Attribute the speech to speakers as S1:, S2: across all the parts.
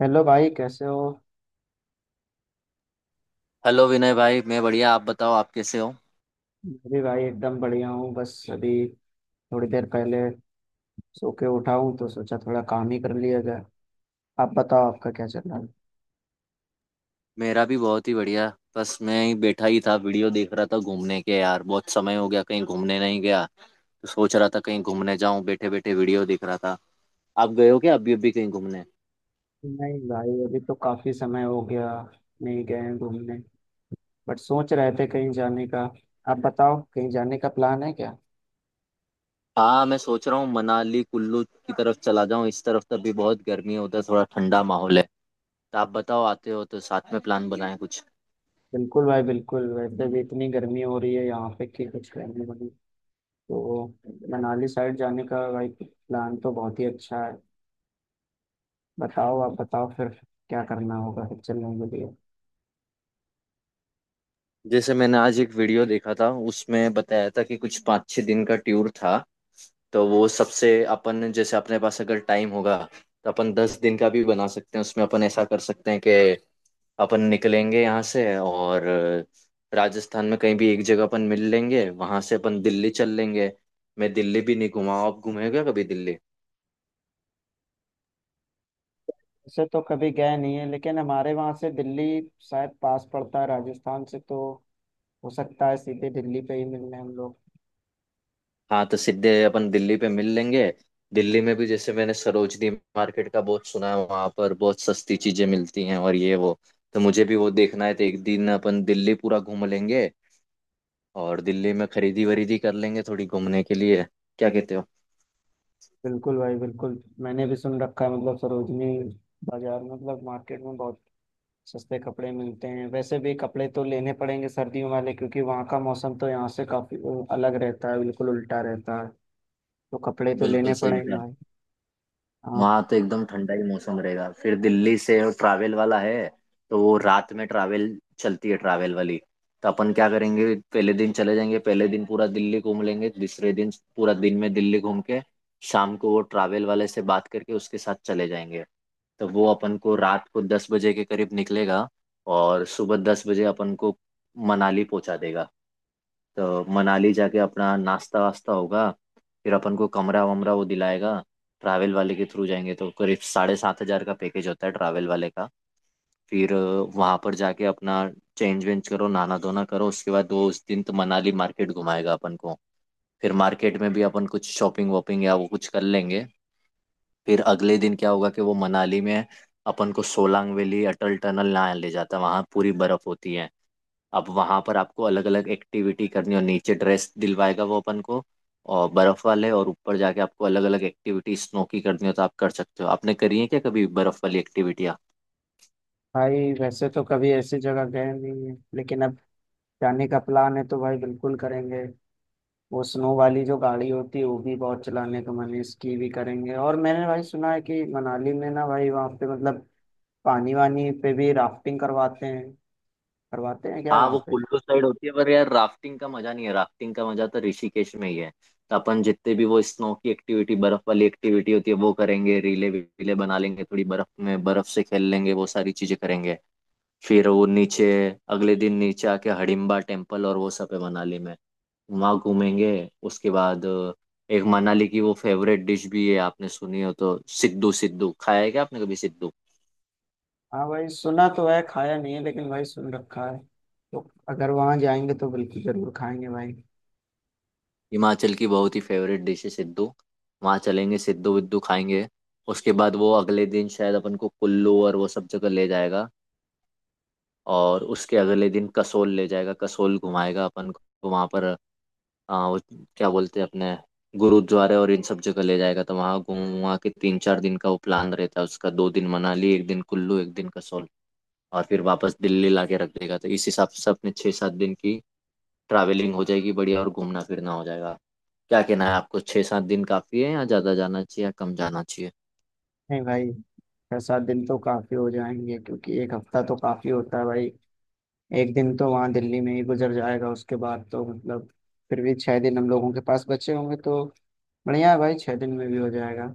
S1: Hello भाई कैसे हो।
S2: हेलो विनय भाई। मैं बढ़िया, आप बताओ, आप कैसे हो?
S1: मैं भी भाई एकदम बढ़िया हूँ। बस अभी थोड़ी देर पहले सो के उठा हूँ, तो सोचा थोड़ा काम ही कर लिया जाए। आप बताओ, आपका क्या चल रहा है।
S2: मेरा भी बहुत ही बढ़िया। बस मैं ही बैठा ही था, वीडियो देख रहा था। घूमने के यार बहुत समय हो गया, कहीं घूमने नहीं गया। तो सोच रहा था कहीं घूमने जाऊं, बैठे बैठे वीडियो देख रहा था। आप गए हो क्या अभी अभी कहीं घूमने?
S1: नहीं भाई, अभी तो काफी समय हो गया नहीं गए हैं घूमने। बट सोच रहे थे कहीं जाने का। आप बताओ कहीं जाने का प्लान है क्या।
S2: हाँ, मैं सोच रहा हूँ मनाली कुल्लू की तरफ चला जाऊं। इस तरफ तो अभी बहुत गर्मी है, उधर थोड़ा ठंडा माहौल है। तो आप बताओ, आते हो तो साथ में प्लान बनाएं कुछ।
S1: बिल्कुल भाई बिल्कुल, वैसे भी इतनी गर्मी हो रही है यहाँ पे कि कुछ कहने बनी। तो मनाली साइड जाने का भाई प्लान तो बहुत ही अच्छा है। बताओ, आप बताओ फिर क्या करना होगा फिर चलने के लिए।
S2: जैसे मैंने आज एक वीडियो देखा था, उसमें बताया था कि कुछ पाँच छः दिन का टूर था। तो वो सबसे अपन जैसे अपने पास अगर टाइम होगा तो अपन 10 दिन का भी बना सकते हैं। उसमें अपन ऐसा कर सकते हैं कि अपन निकलेंगे यहाँ से और राजस्थान में कहीं भी एक जगह अपन मिल लेंगे, वहां से अपन दिल्ली चल लेंगे। मैं दिल्ली भी नहीं घुमा हूं। आप घूमे क्या कभी दिल्ली?
S1: वैसे तो कभी गए नहीं है, लेकिन हमारे वहां से दिल्ली शायद पास पड़ता है राजस्थान से, तो हो सकता है सीधे दिल्ली पे ही मिलने हम लोग।
S2: हाँ, तो सीधे अपन दिल्ली पे मिल लेंगे। दिल्ली में भी जैसे मैंने सरोजनी मार्केट का बहुत सुना है, वहां पर बहुत सस्ती चीजें मिलती हैं और ये वो। तो मुझे भी वो देखना है, तो एक दिन अपन दिल्ली पूरा घूम लेंगे और दिल्ली में खरीदी वरीदी कर लेंगे थोड़ी घूमने के लिए। क्या कहते हो?
S1: बिल्कुल भाई बिल्कुल, मैंने भी सुन रखा है, मतलब सरोजनी बाजार में, मतलब मार्केट में बहुत सस्ते कपड़े मिलते हैं। वैसे भी कपड़े तो लेने पड़ेंगे सर्दियों वाले, क्योंकि वहाँ का मौसम तो यहाँ से काफी अलग रहता है, बिल्कुल उल्टा रहता है। तो कपड़े तो
S2: बिल्कुल
S1: लेने
S2: सही
S1: पड़ेंगे
S2: कहा।
S1: भाई। हाँ।
S2: वहाँ तो एकदम ठंडा ही मौसम रहेगा। फिर दिल्ली से ट्रैवल वाला है, तो वो रात में ट्रैवल चलती है ट्रैवल वाली। तो अपन क्या करेंगे, पहले दिन चले जाएंगे, पहले दिन पूरा दिल्ली घूम लेंगे, दूसरे दिन पूरा दिन में दिल्ली घूम के शाम को वो ट्रैवल वाले से बात करके उसके साथ चले जाएंगे। तो वो अपन को रात को 10 बजे के करीब निकलेगा और सुबह 10 बजे अपन को मनाली पहुंचा देगा। तो मनाली जाके अपना नाश्ता वास्ता होगा, फिर अपन को कमरा वमरा वो दिलाएगा। ट्रैवल वाले के थ्रू जाएंगे तो करीब 7,500 का पैकेज होता है ट्रैवल वाले का। फिर वहां पर जाके अपना चेंज वेंज करो, नहाना धोना करो। उसके बाद वो उस दिन तो मनाली मार्केट घुमाएगा अपन को, फिर मार्केट में भी अपन कुछ शॉपिंग वॉपिंग या वो कुछ कर लेंगे। फिर अगले दिन क्या होगा कि वो मनाली में अपन को सोलांग वैली अटल टनल ना ले जाता, वहाँ पूरी बर्फ होती है। अब वहां पर आपको अलग अलग एक्टिविटी करनी और नीचे ड्रेस दिलवाएगा वो अपन को और बर्फ वाले। और ऊपर जाके आपको अलग अलग एक्टिविटी स्नो की करनी हो तो आप कर सकते हो। आपने करी है क्या कभी बर्फ वाली एक्टिविटियाँ?
S1: भाई वैसे तो कभी ऐसी जगह गए नहीं है, लेकिन अब जाने का प्लान है तो भाई बिल्कुल करेंगे। वो स्नो वाली जो गाड़ी होती है वो भी बहुत चलाने का मन है, स्की भी करेंगे। और मैंने भाई सुना है कि मनाली में ना भाई वहाँ पे मतलब पानी वानी पे भी राफ्टिंग करवाते हैं। करवाते हैं क्या
S2: हाँ, वो
S1: वहाँ पे।
S2: कुल्लू साइड होती है, पर यार राफ्टिंग का मजा नहीं है, राफ्टिंग का मजा तो ऋषिकेश में ही है। तो अपन जितने भी वो स्नो की एक्टिविटी बर्फ वाली एक्टिविटी होती है वो करेंगे, रीले वीले बना लेंगे, थोड़ी बर्फ में बर्फ से खेल लेंगे, वो सारी चीजें करेंगे। फिर वो नीचे अगले दिन नीचे आके हडिम्बा टेम्पल और वो सब है मनाली में, वहाँ घूमेंगे। उसके बाद एक मनाली की वो फेवरेट डिश भी है, आपने सुनी हो तो सिद्धू। सिद्धू खाया है क्या आपने कभी सिद्धू?
S1: हाँ भाई, सुना तो है, खाया नहीं है, लेकिन भाई सुन रखा है। तो अगर वहाँ जाएंगे तो बिल्कुल जरूर खाएंगे भाई।
S2: हिमाचल की बहुत ही फेवरेट डिश है सिद्धू। वहाँ चलेंगे सिद्धू विद्धू खाएंगे। उसके बाद वो अगले दिन शायद अपन को कुल्लू और वो सब जगह ले जाएगा और उसके अगले दिन कसोल ले जाएगा, कसोल घुमाएगा अपन को। तो वहाँ पर वो क्या बोलते हैं अपने गुरुद्वारे और इन सब जगह ले जाएगा। तो वहाँ घूम वहाँ के तीन चार दिन का वो प्लान रहता है उसका, दो दिन मनाली, एक दिन कुल्लू, एक दिन कसोल। और फिर वापस दिल्ली ला के रख देगा, तो इस हिसाब से अपने छः सात दिन की ट्रैवलिंग हो जाएगी बढ़िया और घूमना फिरना हो जाएगा। क्या कहना है आपको, छः सात दिन काफ़ी है या ज़्यादा जाना चाहिए या कम जाना चाहिए?
S1: नहीं भाई, 6 7 दिन तो काफी हो जाएंगे, क्योंकि एक हफ्ता तो काफी होता है भाई। एक दिन तो वहाँ दिल्ली में ही गुजर जाएगा, उसके बाद तो मतलब फिर भी 6 दिन हम लोगों के पास बचे होंगे, तो बढ़िया है भाई, 6 दिन में भी हो जाएगा।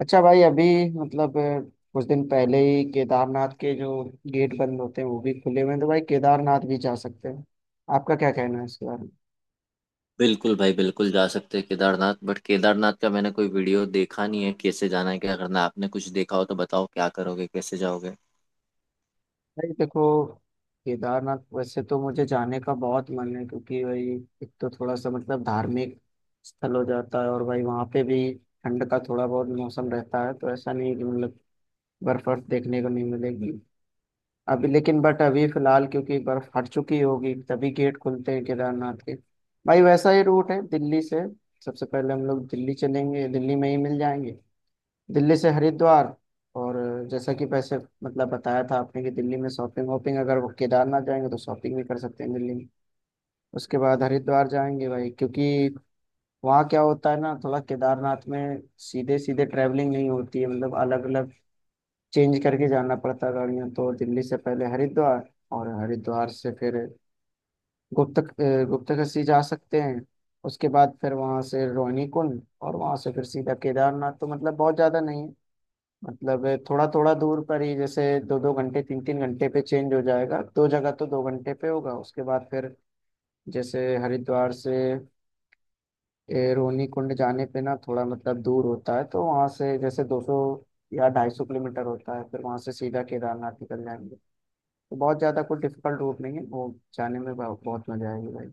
S1: अच्छा भाई, अभी मतलब कुछ दिन पहले ही केदारनाथ के जो गेट बंद होते हैं वो भी खुले हुए हैं, तो भाई केदारनाथ भी जा सकते हैं। आपका क्या कहना है इसके बारे में।
S2: बिल्कुल भाई, बिल्कुल जा सकते हैं केदारनाथ। बट केदारनाथ का मैंने कोई वीडियो देखा नहीं है, कैसे जाना है, क्या करना है। आपने कुछ देखा हो तो बताओ, क्या करोगे, कैसे जाओगे?
S1: भाई देखो, केदारनाथ वैसे तो मुझे जाने का बहुत मन है, क्योंकि भाई एक तो थोड़ा सा मतलब धार्मिक स्थल हो जाता है, और भाई वहाँ पे भी ठंड का थोड़ा बहुत मौसम रहता है, तो ऐसा नहीं कि मतलब बर्फ वर्फ देखने को नहीं मिलेगी अभी। लेकिन बट अभी फिलहाल क्योंकि बर्फ हट चुकी होगी, तभी गेट खुलते हैं केदारनाथ के। भाई वैसा ही रूट है दिल्ली से। सबसे पहले हम लोग दिल्ली चलेंगे, दिल्ली में ही मिल जाएंगे। दिल्ली से हरिद्वार। और जैसा कि पैसे मतलब बताया था आपने कि दिल्ली में शॉपिंग वॉपिंग, अगर वो केदारनाथ जाएंगे तो शॉपिंग भी कर सकते हैं दिल्ली में। उसके बाद हरिद्वार जाएंगे भाई, क्योंकि वहाँ क्या होता है ना, थोड़ा केदारनाथ में सीधे सीधे ट्रैवलिंग नहीं होती है, मतलब अलग अलग चेंज करके जाना पड़ता गाड़ियाँ। तो दिल्ली से पहले हरिद्वार, और हरिद्वार से फिर गुप्तकाशी जा सकते हैं। उसके बाद फिर वहाँ से रोहिणी कुंड, और वहाँ से फिर सीधा केदारनाथ। तो मतलब बहुत ज़्यादा नहीं है, मतलब थोड़ा थोड़ा दूर पर ही, जैसे 2 2 घंटे 3 3 घंटे पे चेंज हो जाएगा। दो जगह तो 2 घंटे पे होगा, उसके बाद फिर जैसे हरिद्वार से रोहिणी कुंड जाने पे ना थोड़ा मतलब दूर होता है, तो वहाँ से जैसे 200 या 250 किलोमीटर होता है, फिर वहाँ से सीधा केदारनाथ निकल जाएंगे। तो बहुत ज़्यादा कोई डिफिकल्ट रूट नहीं है वो। जाने में बहुत मज़ा आएगी भाई।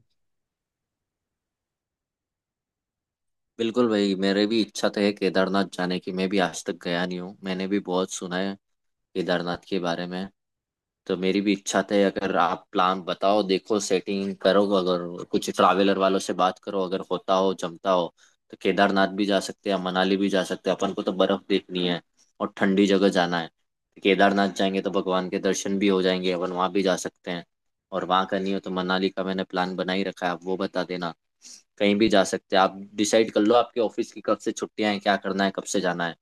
S2: बिल्कुल भाई, मेरे भी इच्छा तो है केदारनाथ जाने की। मैं भी आज तक गया नहीं हूँ, मैंने भी बहुत सुना है केदारनाथ के बारे में। तो मेरी भी इच्छा थे। अगर आप प्लान बताओ, देखो सेटिंग करो, अगर कुछ ट्रैवलर वालों से बात करो, अगर होता हो जमता हो तो केदारनाथ भी जा सकते हैं, मनाली भी जा सकते हैं। अपन को तो बर्फ देखनी है और ठंडी जगह जाना है, तो केदारनाथ जाएंगे तो भगवान के दर्शन भी हो जाएंगे, अपन वहाँ भी जा सकते हैं। और वहाँ का नहीं हो तो मनाली का मैंने प्लान बना ही रखा है, आप वो बता देना। कहीं भी जा सकते हैं, आप डिसाइड कर लो। आपके ऑफिस की कब से छुट्टियां हैं, क्या करना है, कब से जाना है।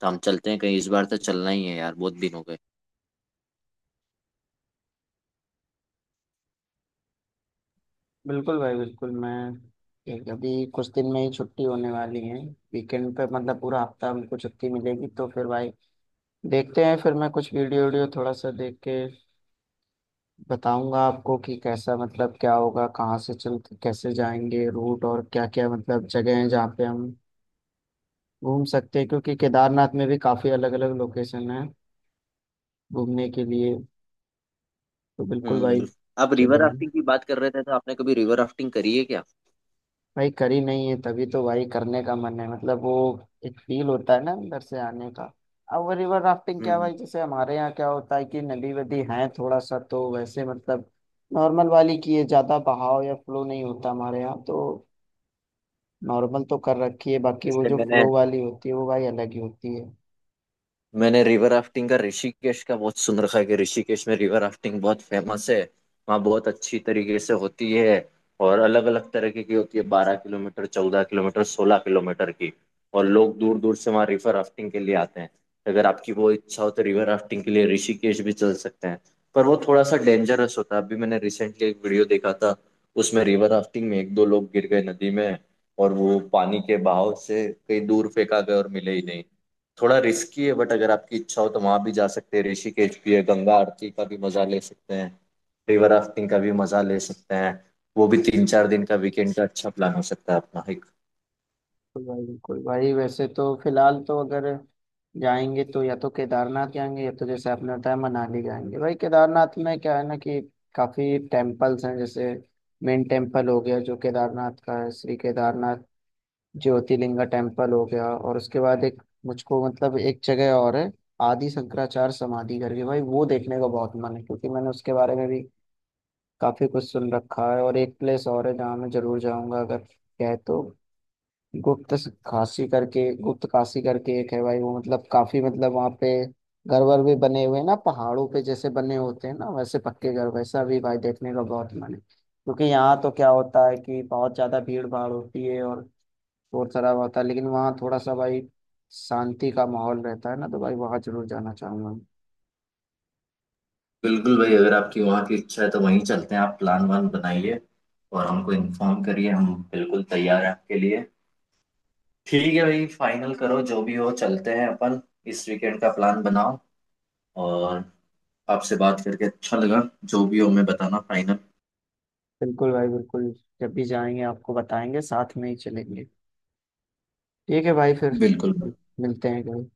S2: तो हम चलते हैं कहीं, इस बार तो चलना ही है यार, बहुत दिन हो गए।
S1: बिल्कुल भाई बिल्कुल। मैं अभी कुछ दिन में ही छुट्टी होने वाली है, वीकेंड पे, मतलब पूरा हफ्ता हमको छुट्टी मिलेगी, तो फिर भाई देखते हैं। फिर मैं कुछ वीडियो वीडियो थोड़ा सा देख के बताऊंगा आपको कि कैसा, मतलब क्या होगा, कहाँ से चल, कैसे जाएंगे रूट, और क्या क्या मतलब जगह है जहाँ पे हम घूम सकते हैं, क्योंकि केदारनाथ में भी काफ़ी अलग अलग लोकेशन है घूमने के लिए। तो बिल्कुल
S2: हम्म,
S1: भाई
S2: बिल्कुल। आप रिवर
S1: चलेंगे।
S2: राफ्टिंग की बात कर रहे थे, तो आपने कभी रिवर राफ्टिंग करी है क्या?
S1: भाई करी नहीं है, तभी तो भाई करने का मन है, मतलब वो एक फील होता है ना अंदर से आने का। अब वो रिवर राफ्टिंग क्या
S2: हम्म।
S1: भाई, जैसे हमारे यहाँ क्या होता है कि नदी वदी है थोड़ा सा, तो वैसे मतलब नॉर्मल वाली की है, ज्यादा बहाव या फ्लो नहीं होता हमारे यहाँ तो। नॉर्मल तो कर रखी है, बाकी वो
S2: जैसे
S1: जो
S2: मैंने
S1: फ्लो वाली होती है वो भाई अलग ही होती है।
S2: मैंने रिवर राफ्टिंग का ऋषिकेश का बहुत सुन रखा है कि ऋषिकेश में रिवर राफ्टिंग बहुत फेमस है। वहाँ बहुत अच्छी तरीके से होती है और अलग अलग तरीके की होती है, 12 किलोमीटर, 14 किलोमीटर, 16 किलोमीटर की। और लोग दूर दूर से वहाँ रिवर राफ्टिंग के लिए आते हैं। अगर आपकी वो इच्छा हो तो रिवर राफ्टिंग के लिए ऋषिकेश भी चल सकते हैं। पर वो थोड़ा सा डेंजरस होता है, अभी मैंने रिसेंटली एक वीडियो देखा था। उसमें रिवर राफ्टिंग में एक दो लोग गिर गए नदी में और वो पानी के बहाव से कहीं दूर फेंका गए और मिले ही नहीं। थोड़ा रिस्की है, बट अगर आपकी इच्छा हो तो वहां भी जा सकते हैं। ऋषिकेश भी है, गंगा आरती का भी मजा ले सकते हैं, रिवर राफ्टिंग का भी मजा ले सकते हैं। वो भी तीन चार दिन का वीकेंड का अच्छा प्लान हो सकता है अपना एक।
S1: भाई बिल्कुल भाई, वैसे तो फिलहाल तो अगर जाएंगे तो या तो केदारनाथ जाएंगे, या तो जैसे आपने बताया मनाली जाएंगे। भाई केदारनाथ में क्या है ना कि काफी टेम्पल्स हैं, जैसे मेन टेम्पल हो गया जो केदारनाथ का है, श्री केदारनाथ ज्योतिर्लिंगा टेम्पल हो गया। और उसके बाद एक मुझको मतलब एक जगह और है, आदि शंकराचार्य समाधि करके, भाई वो देखने का बहुत मन है, क्योंकि मैंने उसके बारे में भी काफी कुछ सुन रखा है। और एक प्लेस और है जहाँ मैं जरूर जाऊंगा अगर है तो, गुप्त गुप्त काशी करके एक है भाई। वो मतलब काफी, मतलब वहाँ पे घर वर भी बने हुए हैं ना पहाड़ों पे, जैसे बने होते हैं ना वैसे पक्के घर, वैसा भी भाई देखने का बहुत मन है। क्योंकि यहाँ तो क्या होता है कि बहुत ज्यादा भीड़ भाड़ होती है और शोर शराबा होता है, लेकिन वहाँ थोड़ा सा भाई शांति का माहौल रहता है ना, तो भाई वहाँ जरूर जाना चाहूंगा।
S2: बिल्कुल भाई, अगर आपकी वहाँ की इच्छा है तो वहीं चलते हैं। आप प्लान वान बनाइए और हमको इन्फॉर्म करिए, हम बिल्कुल तैयार हैं आपके लिए। ठीक है भाई, फाइनल करो जो भी हो, चलते हैं अपन। इस वीकेंड का प्लान बनाओ। और आपसे बात करके अच्छा लगा। जो भी हो हमें बताना फाइनल।
S1: बिल्कुल भाई बिल्कुल, जब भी जाएंगे आपको बताएंगे, साथ में ही चलेंगे। ठीक है भाई फिर
S2: बिल्कुल।
S1: मिलते हैं कभी।